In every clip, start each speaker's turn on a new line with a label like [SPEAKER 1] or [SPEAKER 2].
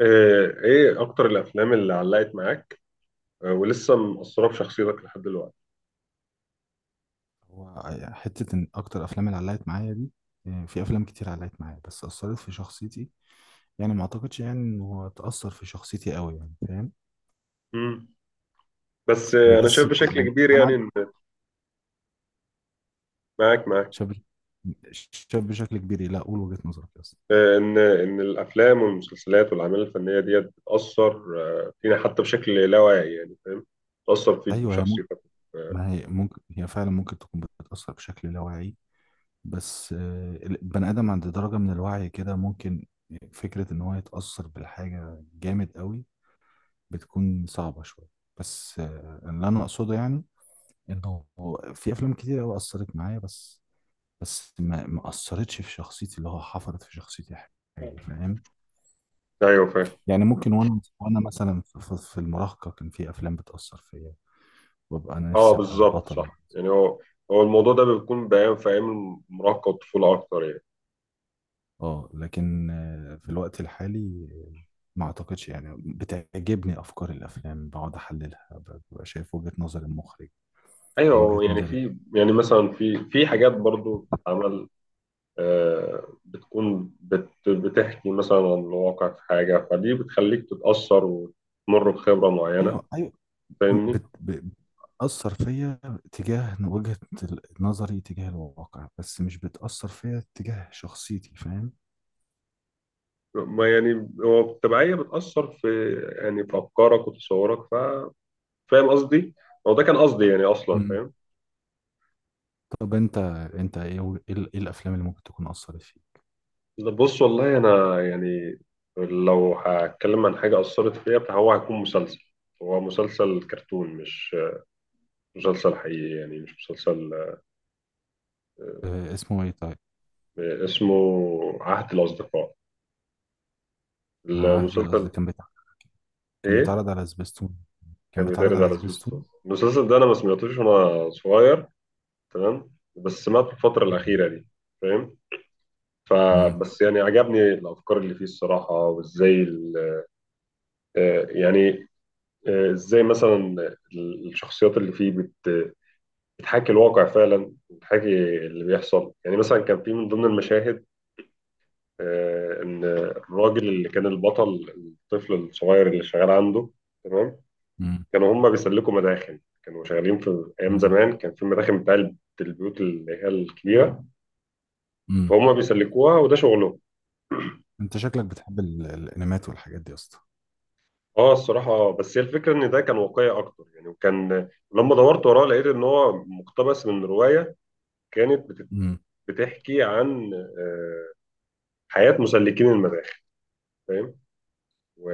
[SPEAKER 1] ايه اكتر الافلام اللي علقت معاك. ولسه مأثرة في شخصيتك لحد دلوقتي.
[SPEAKER 2] هو يعني حتة إن أكتر أفلام اللي علقت معايا دي. في أفلام كتير علقت معايا، بس أثرت في شخصيتي. يعني ما أعتقدش، يعني إن هو تأثر في شخصيتي أوي، يعني فاهم؟
[SPEAKER 1] مم. بس انا
[SPEAKER 2] بس
[SPEAKER 1] شايف بشكل
[SPEAKER 2] يعني
[SPEAKER 1] كبير
[SPEAKER 2] أنا
[SPEAKER 1] يعني ان معاك معاك.
[SPEAKER 2] شاب شاب بشكل كبير لا أقول وجهة نظرك أصلا.
[SPEAKER 1] ان الافلام والمسلسلات والاعمال الفنية ديت بتأثر فينا حتى بشكل لا واعي يعني فاهم. بتأثر فيك وفي
[SPEAKER 2] أيوه، هي ممكن.
[SPEAKER 1] شخصيتك. آه،
[SPEAKER 2] ما هي ممكن، هي فعلا ممكن تكون بتأثر بشكل لا واعي. بس البني آدم عند درجة من الوعي كده، ممكن فكرة إن هو يتأثر بالحاجة جامد أوي بتكون صعبة شوية. بس اللي أنا أقصده يعني انه في افلام كتير قوي اثرت معايا، بس ما اثرتش في شخصيتي، اللي هو حفرت في شخصيتي حاجه، فاهم؟
[SPEAKER 1] ايوه فاهم.
[SPEAKER 2] يعني ممكن وانا مثلا في المراهقه كان في افلام بتاثر فيا، وابقى انا
[SPEAKER 1] اه
[SPEAKER 2] نفسي ابقى
[SPEAKER 1] بالظبط
[SPEAKER 2] البطل.
[SPEAKER 1] صح يعني هو الموضوع ده بيكون بيان في ايام المراهقة والطفولة اكتر يعني.
[SPEAKER 2] اه، لكن في الوقت الحالي، ما اعتقدش، يعني بتعجبني افكار الافلام بقعد احللها ببقى شايف وجهه نظر المخرج ووجهه
[SPEAKER 1] ايوه يعني
[SPEAKER 2] نظري.
[SPEAKER 1] في يعني مثلا في حاجات برضو بتتعمل. بتكون بتحكي مثلا عن الواقع في حاجة فدي بتخليك تتأثر وتمر بخبرة معينة.
[SPEAKER 2] ايوه، ايوه.
[SPEAKER 1] فاهمني؟
[SPEAKER 2] بت... ب- بتأثر فيا تجاه وجهة نظري تجاه الواقع، بس مش بتأثر فيا تجاه شخصيتي، فاهم؟
[SPEAKER 1] ما يعني هو التبعية بتأثر في يعني في أفكارك وتصورك فاهم قصدي؟ هو ده كان قصدي يعني أصلا
[SPEAKER 2] مم.
[SPEAKER 1] فاهم؟
[SPEAKER 2] طب انت ايه و- ايه ال- إيه الافلام اللي ممكن تكون أثرت فيك؟
[SPEAKER 1] لا، بص والله أنا يعني لو هتكلم عن حاجة أثرت فيا فهو هيكون مسلسل. هو مسلسل كرتون مش مسلسل حقيقي يعني مش مسلسل.
[SPEAKER 2] اسمه ايه، طيب؟
[SPEAKER 1] اسمه عهد الأصدقاء
[SPEAKER 2] عهد، القصد
[SPEAKER 1] المسلسل.
[SPEAKER 2] كان بتاع كان
[SPEAKER 1] إيه؟
[SPEAKER 2] بيتعرض على سبيستون كان
[SPEAKER 1] كان
[SPEAKER 2] بيتعرض
[SPEAKER 1] بيتعرض
[SPEAKER 2] على
[SPEAKER 1] على
[SPEAKER 2] سبيستون.
[SPEAKER 1] سبيستون المسلسل ده انا ما سمعتوش وانا صغير. تمام. بس سمعته في الفتره
[SPEAKER 2] مم.
[SPEAKER 1] الاخيره دي. فاهم.
[SPEAKER 2] مم.
[SPEAKER 1] فبس يعني عجبني الافكار اللي فيه الصراحه وازاي يعني ازاي مثلا الشخصيات اللي فيه بتحاكي الواقع فعلا بتحاكي اللي بيحصل يعني مثلا كان في من ضمن المشاهد ان الراجل اللي كان البطل الطفل الصغير اللي شغال عنده. تمام.
[SPEAKER 2] مم.
[SPEAKER 1] كانوا هم بيسلكوا مداخن كانوا شغالين في ايام
[SPEAKER 2] مم.
[SPEAKER 1] زمان كان في مداخن بتاع البيوت اللي هي الكبيره
[SPEAKER 2] مم.
[SPEAKER 1] فهم بيسلكوها وده شغلهم.
[SPEAKER 2] انت شكلك بتحب الانميات والحاجات دي يا اسطى.
[SPEAKER 1] اه الصراحه بس هي الفكره ان ده كان واقعي اكتر يعني وكان لما دورت وراه لقيت ان هو مقتبس من روايه كانت
[SPEAKER 2] مم.
[SPEAKER 1] بتحكي عن حياه مسلكين المداخن. فاهم. و...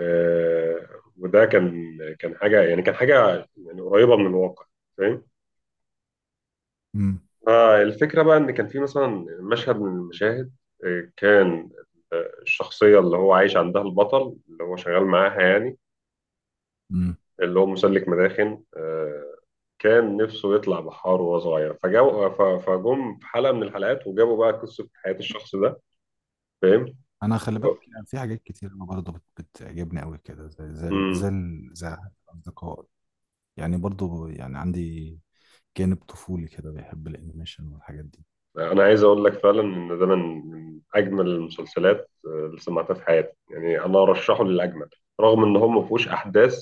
[SPEAKER 1] وده كان حاجه يعني كان حاجه يعني قريبه من الواقع. فاهم.
[SPEAKER 2] مم.
[SPEAKER 1] الفكرة بقى إن كان في مثلا مشهد من المشاهد كان الشخصية اللي هو عايش عندها البطل اللي هو شغال معاها يعني
[SPEAKER 2] مم.
[SPEAKER 1] اللي هو مسلك مداخن كان نفسه يطلع بحار وهو صغير فجم في حلقة من الحلقات وجابوا بقى قصة حياة الشخص ده. فاهم؟
[SPEAKER 2] انا، خلي
[SPEAKER 1] و-
[SPEAKER 2] بالك، يعني في حاجات كتير أنا برضه بتعجبني قوي كده،
[SPEAKER 1] مم.
[SPEAKER 2] زي الاصدقاء، يعني برضه، يعني عندي جانب طفولي كده بيحب الانيميشن والحاجات دي.
[SPEAKER 1] أنا عايز أقول لك فعلا إن ده من أجمل المسلسلات اللي سمعتها في حياتي يعني أنا أرشحه للأجمل رغم إن هو ما فيهوش أحداث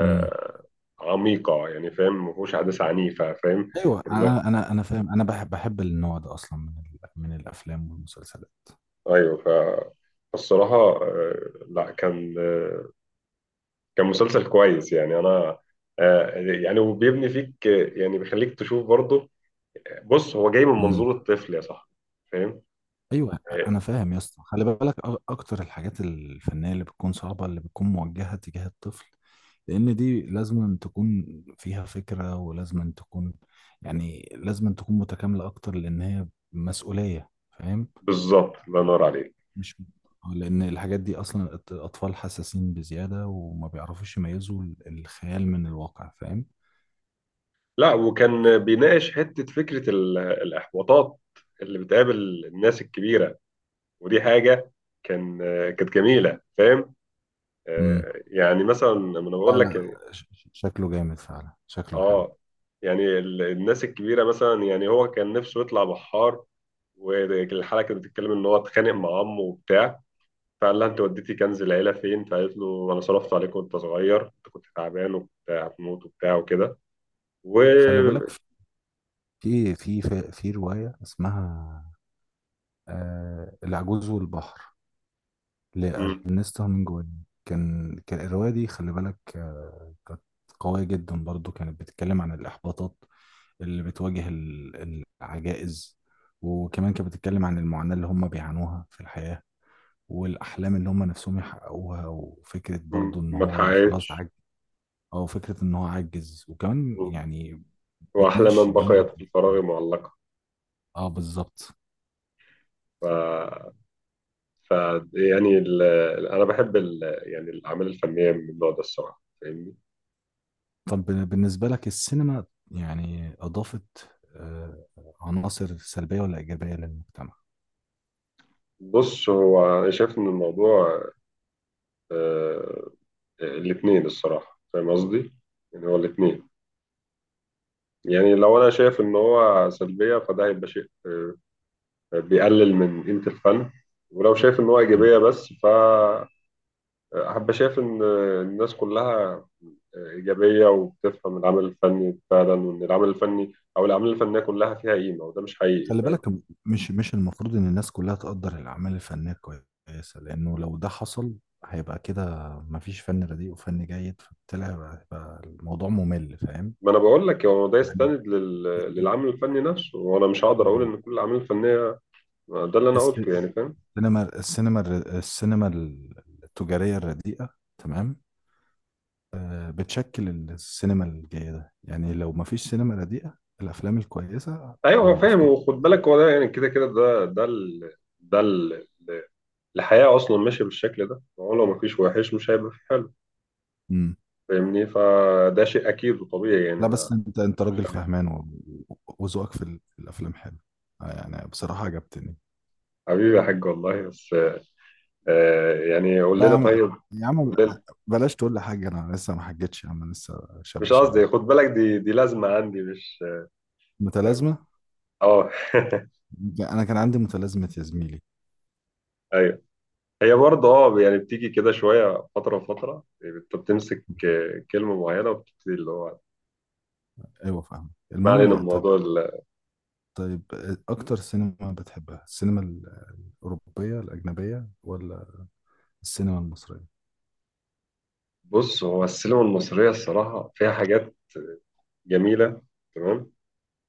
[SPEAKER 2] امم.
[SPEAKER 1] عميقة يعني فاهم ما فيهوش حدث عنيفة فاهم.
[SPEAKER 2] ايوه،
[SPEAKER 1] اللي-
[SPEAKER 2] انا فاهم، انا بحب النوع ده اصلا من الافلام والمسلسلات.
[SPEAKER 1] أيوه فالصراحة آه، لا كان مسلسل كويس يعني أنا يعني وبيبني فيك يعني بيخليك تشوف برضه. بص هو جاي من
[SPEAKER 2] امم.
[SPEAKER 1] منظور الطفل يا صاحبي. فاهم
[SPEAKER 2] ايوه،
[SPEAKER 1] آه،
[SPEAKER 2] انا فاهم يا اسطى. خلي بالك، اكتر الحاجات الفنيه اللي بتكون صعبه، اللي بتكون موجهه تجاه الطفل، لان دي لازم أن تكون فيها فكره، ولازم أن تكون، يعني لازم أن تكون متكامله اكتر، لان هي مسؤوليه، فاهم؟
[SPEAKER 1] بالظبط الله ينور عليك.
[SPEAKER 2] مش، لان الحاجات دي اصلا الاطفال حساسين بزياده، وما بيعرفوش يميزوا الخيال من الواقع، فاهم؟
[SPEAKER 1] لا وكان بيناقش حتة فكرة الإحباطات اللي بتقابل الناس الكبيرة. ودي حاجة كانت جميلة فاهم.
[SPEAKER 2] امم.
[SPEAKER 1] يعني مثلا لما أنا بقول
[SPEAKER 2] لا،
[SPEAKER 1] لك
[SPEAKER 2] لا، شكله جامد فعلا، شكله حلو.
[SPEAKER 1] اه يعني الناس الكبيره مثلا يعني هو كان نفسه يطلع بحار والحلقه كانت بتتكلم ان هو اتخانق مع عمه وبتاع فقال لها انت وديتي كنز العيله فين فقالت له انا صرفت عليك وانت صغير انت كنت تعبان وكنت هتموت وبتاع وكده. و
[SPEAKER 2] خلي بالك، في روايه اسمها العجوز والبحر
[SPEAKER 1] م-
[SPEAKER 2] لأرنست هامينجواي. كان الرواية دي، خلي بالك، كانت قوية جدا برضو، كانت بتتكلم عن الإحباطات اللي بتواجه العجائز، وكمان كانت بتتكلم عن المعاناة اللي هم بيعانوها في الحياة، والأحلام اللي هم نفسهم يحققوها، وفكرة برضو إن
[SPEAKER 1] ما
[SPEAKER 2] هو خلاص
[SPEAKER 1] اتحققتش.
[SPEAKER 2] عجز، أو فكرة إن هو عجز، وكمان
[SPEAKER 1] م.
[SPEAKER 2] يعني
[SPEAKER 1] واحلى
[SPEAKER 2] بتناقش
[SPEAKER 1] من
[SPEAKER 2] الجوانب
[SPEAKER 1] بقيت في الفراغ معلقه.
[SPEAKER 2] اه، بالظبط.
[SPEAKER 1] ف ف يعني انا بحب يعني الاعمال الفنيه من النوع ده الصراحه فاهمني.
[SPEAKER 2] طب بالنسبة لك، السينما يعني أضافت آه، عناصر سلبية ولا إيجابية للمجتمع؟
[SPEAKER 1] بص هو أنا شايف إن الموضوع آه، الاتنين الصراحة فاهم قصدي؟ يعني هو الاتنين يعني لو أنا شايف إن هو سلبية فده هيبقى شيء بيقلل من قيمة الفن. ولو شايف إن هو
[SPEAKER 2] مم.
[SPEAKER 1] إيجابية بس فهبقى شايف إن الناس كلها إيجابية وبتفهم العمل الفني فعلا وإن العمل الفني أو الأعمال الفنية كلها فيها قيمة وده مش حقيقي
[SPEAKER 2] خلي
[SPEAKER 1] فاهم؟
[SPEAKER 2] بالك، مش المفروض إن الناس كلها تقدر الأعمال الفنية كويسة، لأنه لو ده حصل هيبقى كده مفيش فن رديء وفن جيد، فبالتالي هيبقى الموضوع ممل، فاهم؟
[SPEAKER 1] ما أنا بقول لك هو ده
[SPEAKER 2] يعني
[SPEAKER 1] يستند للعمل الفني نفسه وأنا مش هقدر أقول
[SPEAKER 2] يعني
[SPEAKER 1] إن كل الأعمال الفنية ده اللي انا
[SPEAKER 2] الس-
[SPEAKER 1] قلته يعني فاهم.
[SPEAKER 2] السينما التجارية الرديئة، تمام، بتشكل السينما الجيدة. يعني لو ما فيش سينما رديئة، الأفلام الكويسة،
[SPEAKER 1] ايوه
[SPEAKER 2] أو
[SPEAKER 1] هو فاهم
[SPEAKER 2] الأفكار.
[SPEAKER 1] وخد بالك هو ده يعني كده ده ال... الحياه اصلا ماشيه بالشكل ده هو لو مفيش وحش مش هيبقى في حلو.
[SPEAKER 2] مم.
[SPEAKER 1] فاهمني فده شيء اكيد وطبيعي يعني
[SPEAKER 2] لا،
[SPEAKER 1] ما.
[SPEAKER 2] بس أنت راجل فهمان، وذوقك في الأفلام حلو، يعني بصراحة عجبتني.
[SPEAKER 1] حبيبي يا حاج والله بس يعني قول
[SPEAKER 2] لا يا
[SPEAKER 1] لنا
[SPEAKER 2] عم،
[SPEAKER 1] طيب
[SPEAKER 2] يا عم،
[SPEAKER 1] قول لنا
[SPEAKER 2] بلاش تقول لي حاجة، أنا لسه ما حجتش يا عم، أنا لسه
[SPEAKER 1] مش
[SPEAKER 2] شاب صغير.
[SPEAKER 1] قصدي خد بالك دي لازمه عندي مش
[SPEAKER 2] متلازمة.
[SPEAKER 1] اه
[SPEAKER 2] أنا كان عندي متلازمة يا زميلي.
[SPEAKER 1] ايوه. هي برضه اه يعني بتيجي كده شويه فتره فتره انت بتمسك
[SPEAKER 2] مم.
[SPEAKER 1] كلمه معينه وبتبتدي اللي هو.
[SPEAKER 2] أيوه، فاهم،
[SPEAKER 1] ما علينا من
[SPEAKER 2] المهم، طيب
[SPEAKER 1] موضوع.
[SPEAKER 2] طيب أكتر سينما بتحبها، السينما الأوروبية الأجنبية ولا السينما المصرية؟
[SPEAKER 1] بص هو السينما المصرية الصراحة فيها حاجات جميلة. تمام.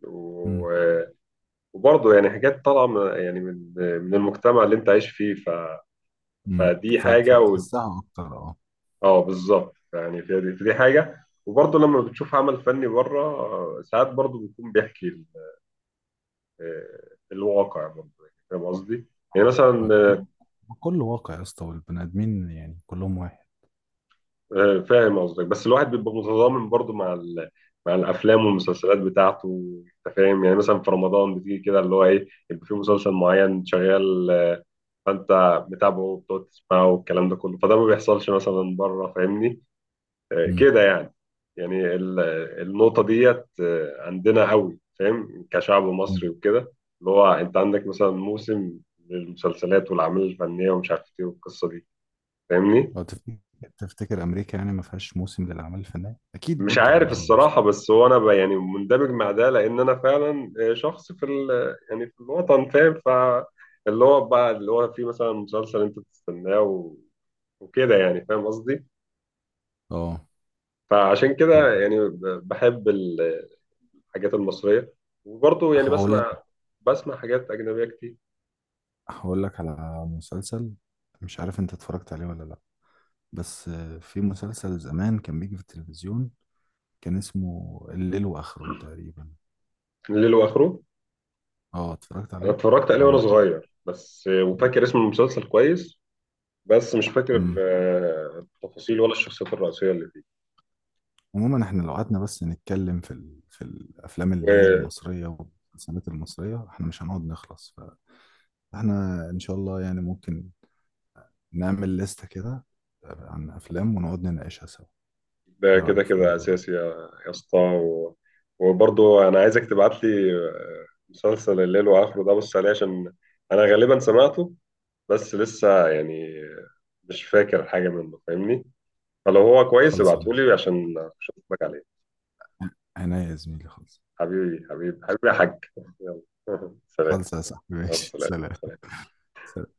[SPEAKER 1] و- وبرضه يعني حاجات طالعة يعني من المجتمع اللي أنت عايش فيه فدي حاجة
[SPEAKER 2] فبتحسها اكتر، اه.
[SPEAKER 1] أه بالظبط يعني في دي حاجة وبرضه لما بتشوف عمل فني بره ساعات برضه بيكون بيحكي الواقع برضه يعني فاهم قصدي؟ يعني
[SPEAKER 2] اه،
[SPEAKER 1] مثلا
[SPEAKER 2] آه. كله واقع يا اسطى، والبني ادمين يعني كلهم واحد.
[SPEAKER 1] فاهم قصدك بس الواحد بيبقى متضامن برضو مع مع الافلام والمسلسلات بتاعته. انت فاهم يعني مثلا في رمضان بتيجي كده اللي هو ايه يبقى في مسلسل معين شغال فانت متابعه وبتقعد تسمعه والكلام ده كله فده ما بيحصلش مثلا بره فاهمني.
[SPEAKER 2] امم،
[SPEAKER 1] كده يعني يعني النقطة ديت عندنا قوي فاهم كشعب
[SPEAKER 2] امم.
[SPEAKER 1] مصري وكده. اللي هو انت عندك مثلا موسم للمسلسلات والاعمال الفنية ومش عارف ايه والقصة دي فاهمني.
[SPEAKER 2] لو تفتكر امريكا يعني ما فيهاش موسم للاعمال الفنيه؟ اكيد
[SPEAKER 1] مش
[SPEAKER 2] برضو
[SPEAKER 1] عارف
[SPEAKER 2] عندهم موسم.
[SPEAKER 1] الصراحة بس هو أنا بقى يعني مندمج مع ده لأن أنا فعلا شخص في ال يعني في الوطن فاهم فاللي هو بقى اللي هو فيه مثلا مسلسل أنت بتستناه وكده يعني فاهم قصدي.
[SPEAKER 2] اه،
[SPEAKER 1] فعشان
[SPEAKER 2] طب
[SPEAKER 1] كده يعني بحب الحاجات المصرية وبرضه يعني
[SPEAKER 2] هقول لك
[SPEAKER 1] بسمع حاجات أجنبية كتير.
[SPEAKER 2] هقول لك على مسلسل، مش عارف انت اتفرجت عليه ولا لا. بس في مسلسل زمان كان بيجي في التلفزيون، كان اسمه الليل واخره تقريبا.
[SPEAKER 1] ليل وآخره
[SPEAKER 2] اه، اتفرجت
[SPEAKER 1] أنا
[SPEAKER 2] عليه.
[SPEAKER 1] اتفرجت عليه وأنا
[SPEAKER 2] او،
[SPEAKER 1] صغير بس وفاكر اسم المسلسل كويس بس مش فاكر
[SPEAKER 2] امم.
[SPEAKER 1] التفاصيل ولا الشخصيات الرئيسية اللي
[SPEAKER 2] عموما احنا لو قعدنا بس نتكلم في الافلام اللي هي
[SPEAKER 1] فيه.
[SPEAKER 2] المصريه والمسلسلات المصريه، احنا مش هنقعد نخلص. فاحنا ان شاء الله يعني ممكن نعمل لستة كده عن افلام، ونقعد نناقشها سوا.
[SPEAKER 1] ده
[SPEAKER 2] ايه
[SPEAKER 1] كده
[SPEAKER 2] رايك في
[SPEAKER 1] كده
[SPEAKER 2] الموضوع ده؟
[SPEAKER 1] اساسي يا اسطى وبرضه انا عايزك تبعت لي مسلسل الليل واخره ده بص عليه عشان انا غالبا سمعته بس لسه يعني مش فاكر حاجه منه فاهمني. فلو هو كويس
[SPEAKER 2] خلص من
[SPEAKER 1] ابعته لي عشان اشوفك عليه.
[SPEAKER 2] عينيا يا زميلي. خلص،
[SPEAKER 1] حبيبي حبيبي حبيبي يا حاج. يلا سلام.
[SPEAKER 2] خلص يا صاحبي،
[SPEAKER 1] مع
[SPEAKER 2] ماشي، سلام،
[SPEAKER 1] السلامه.
[SPEAKER 2] سلام.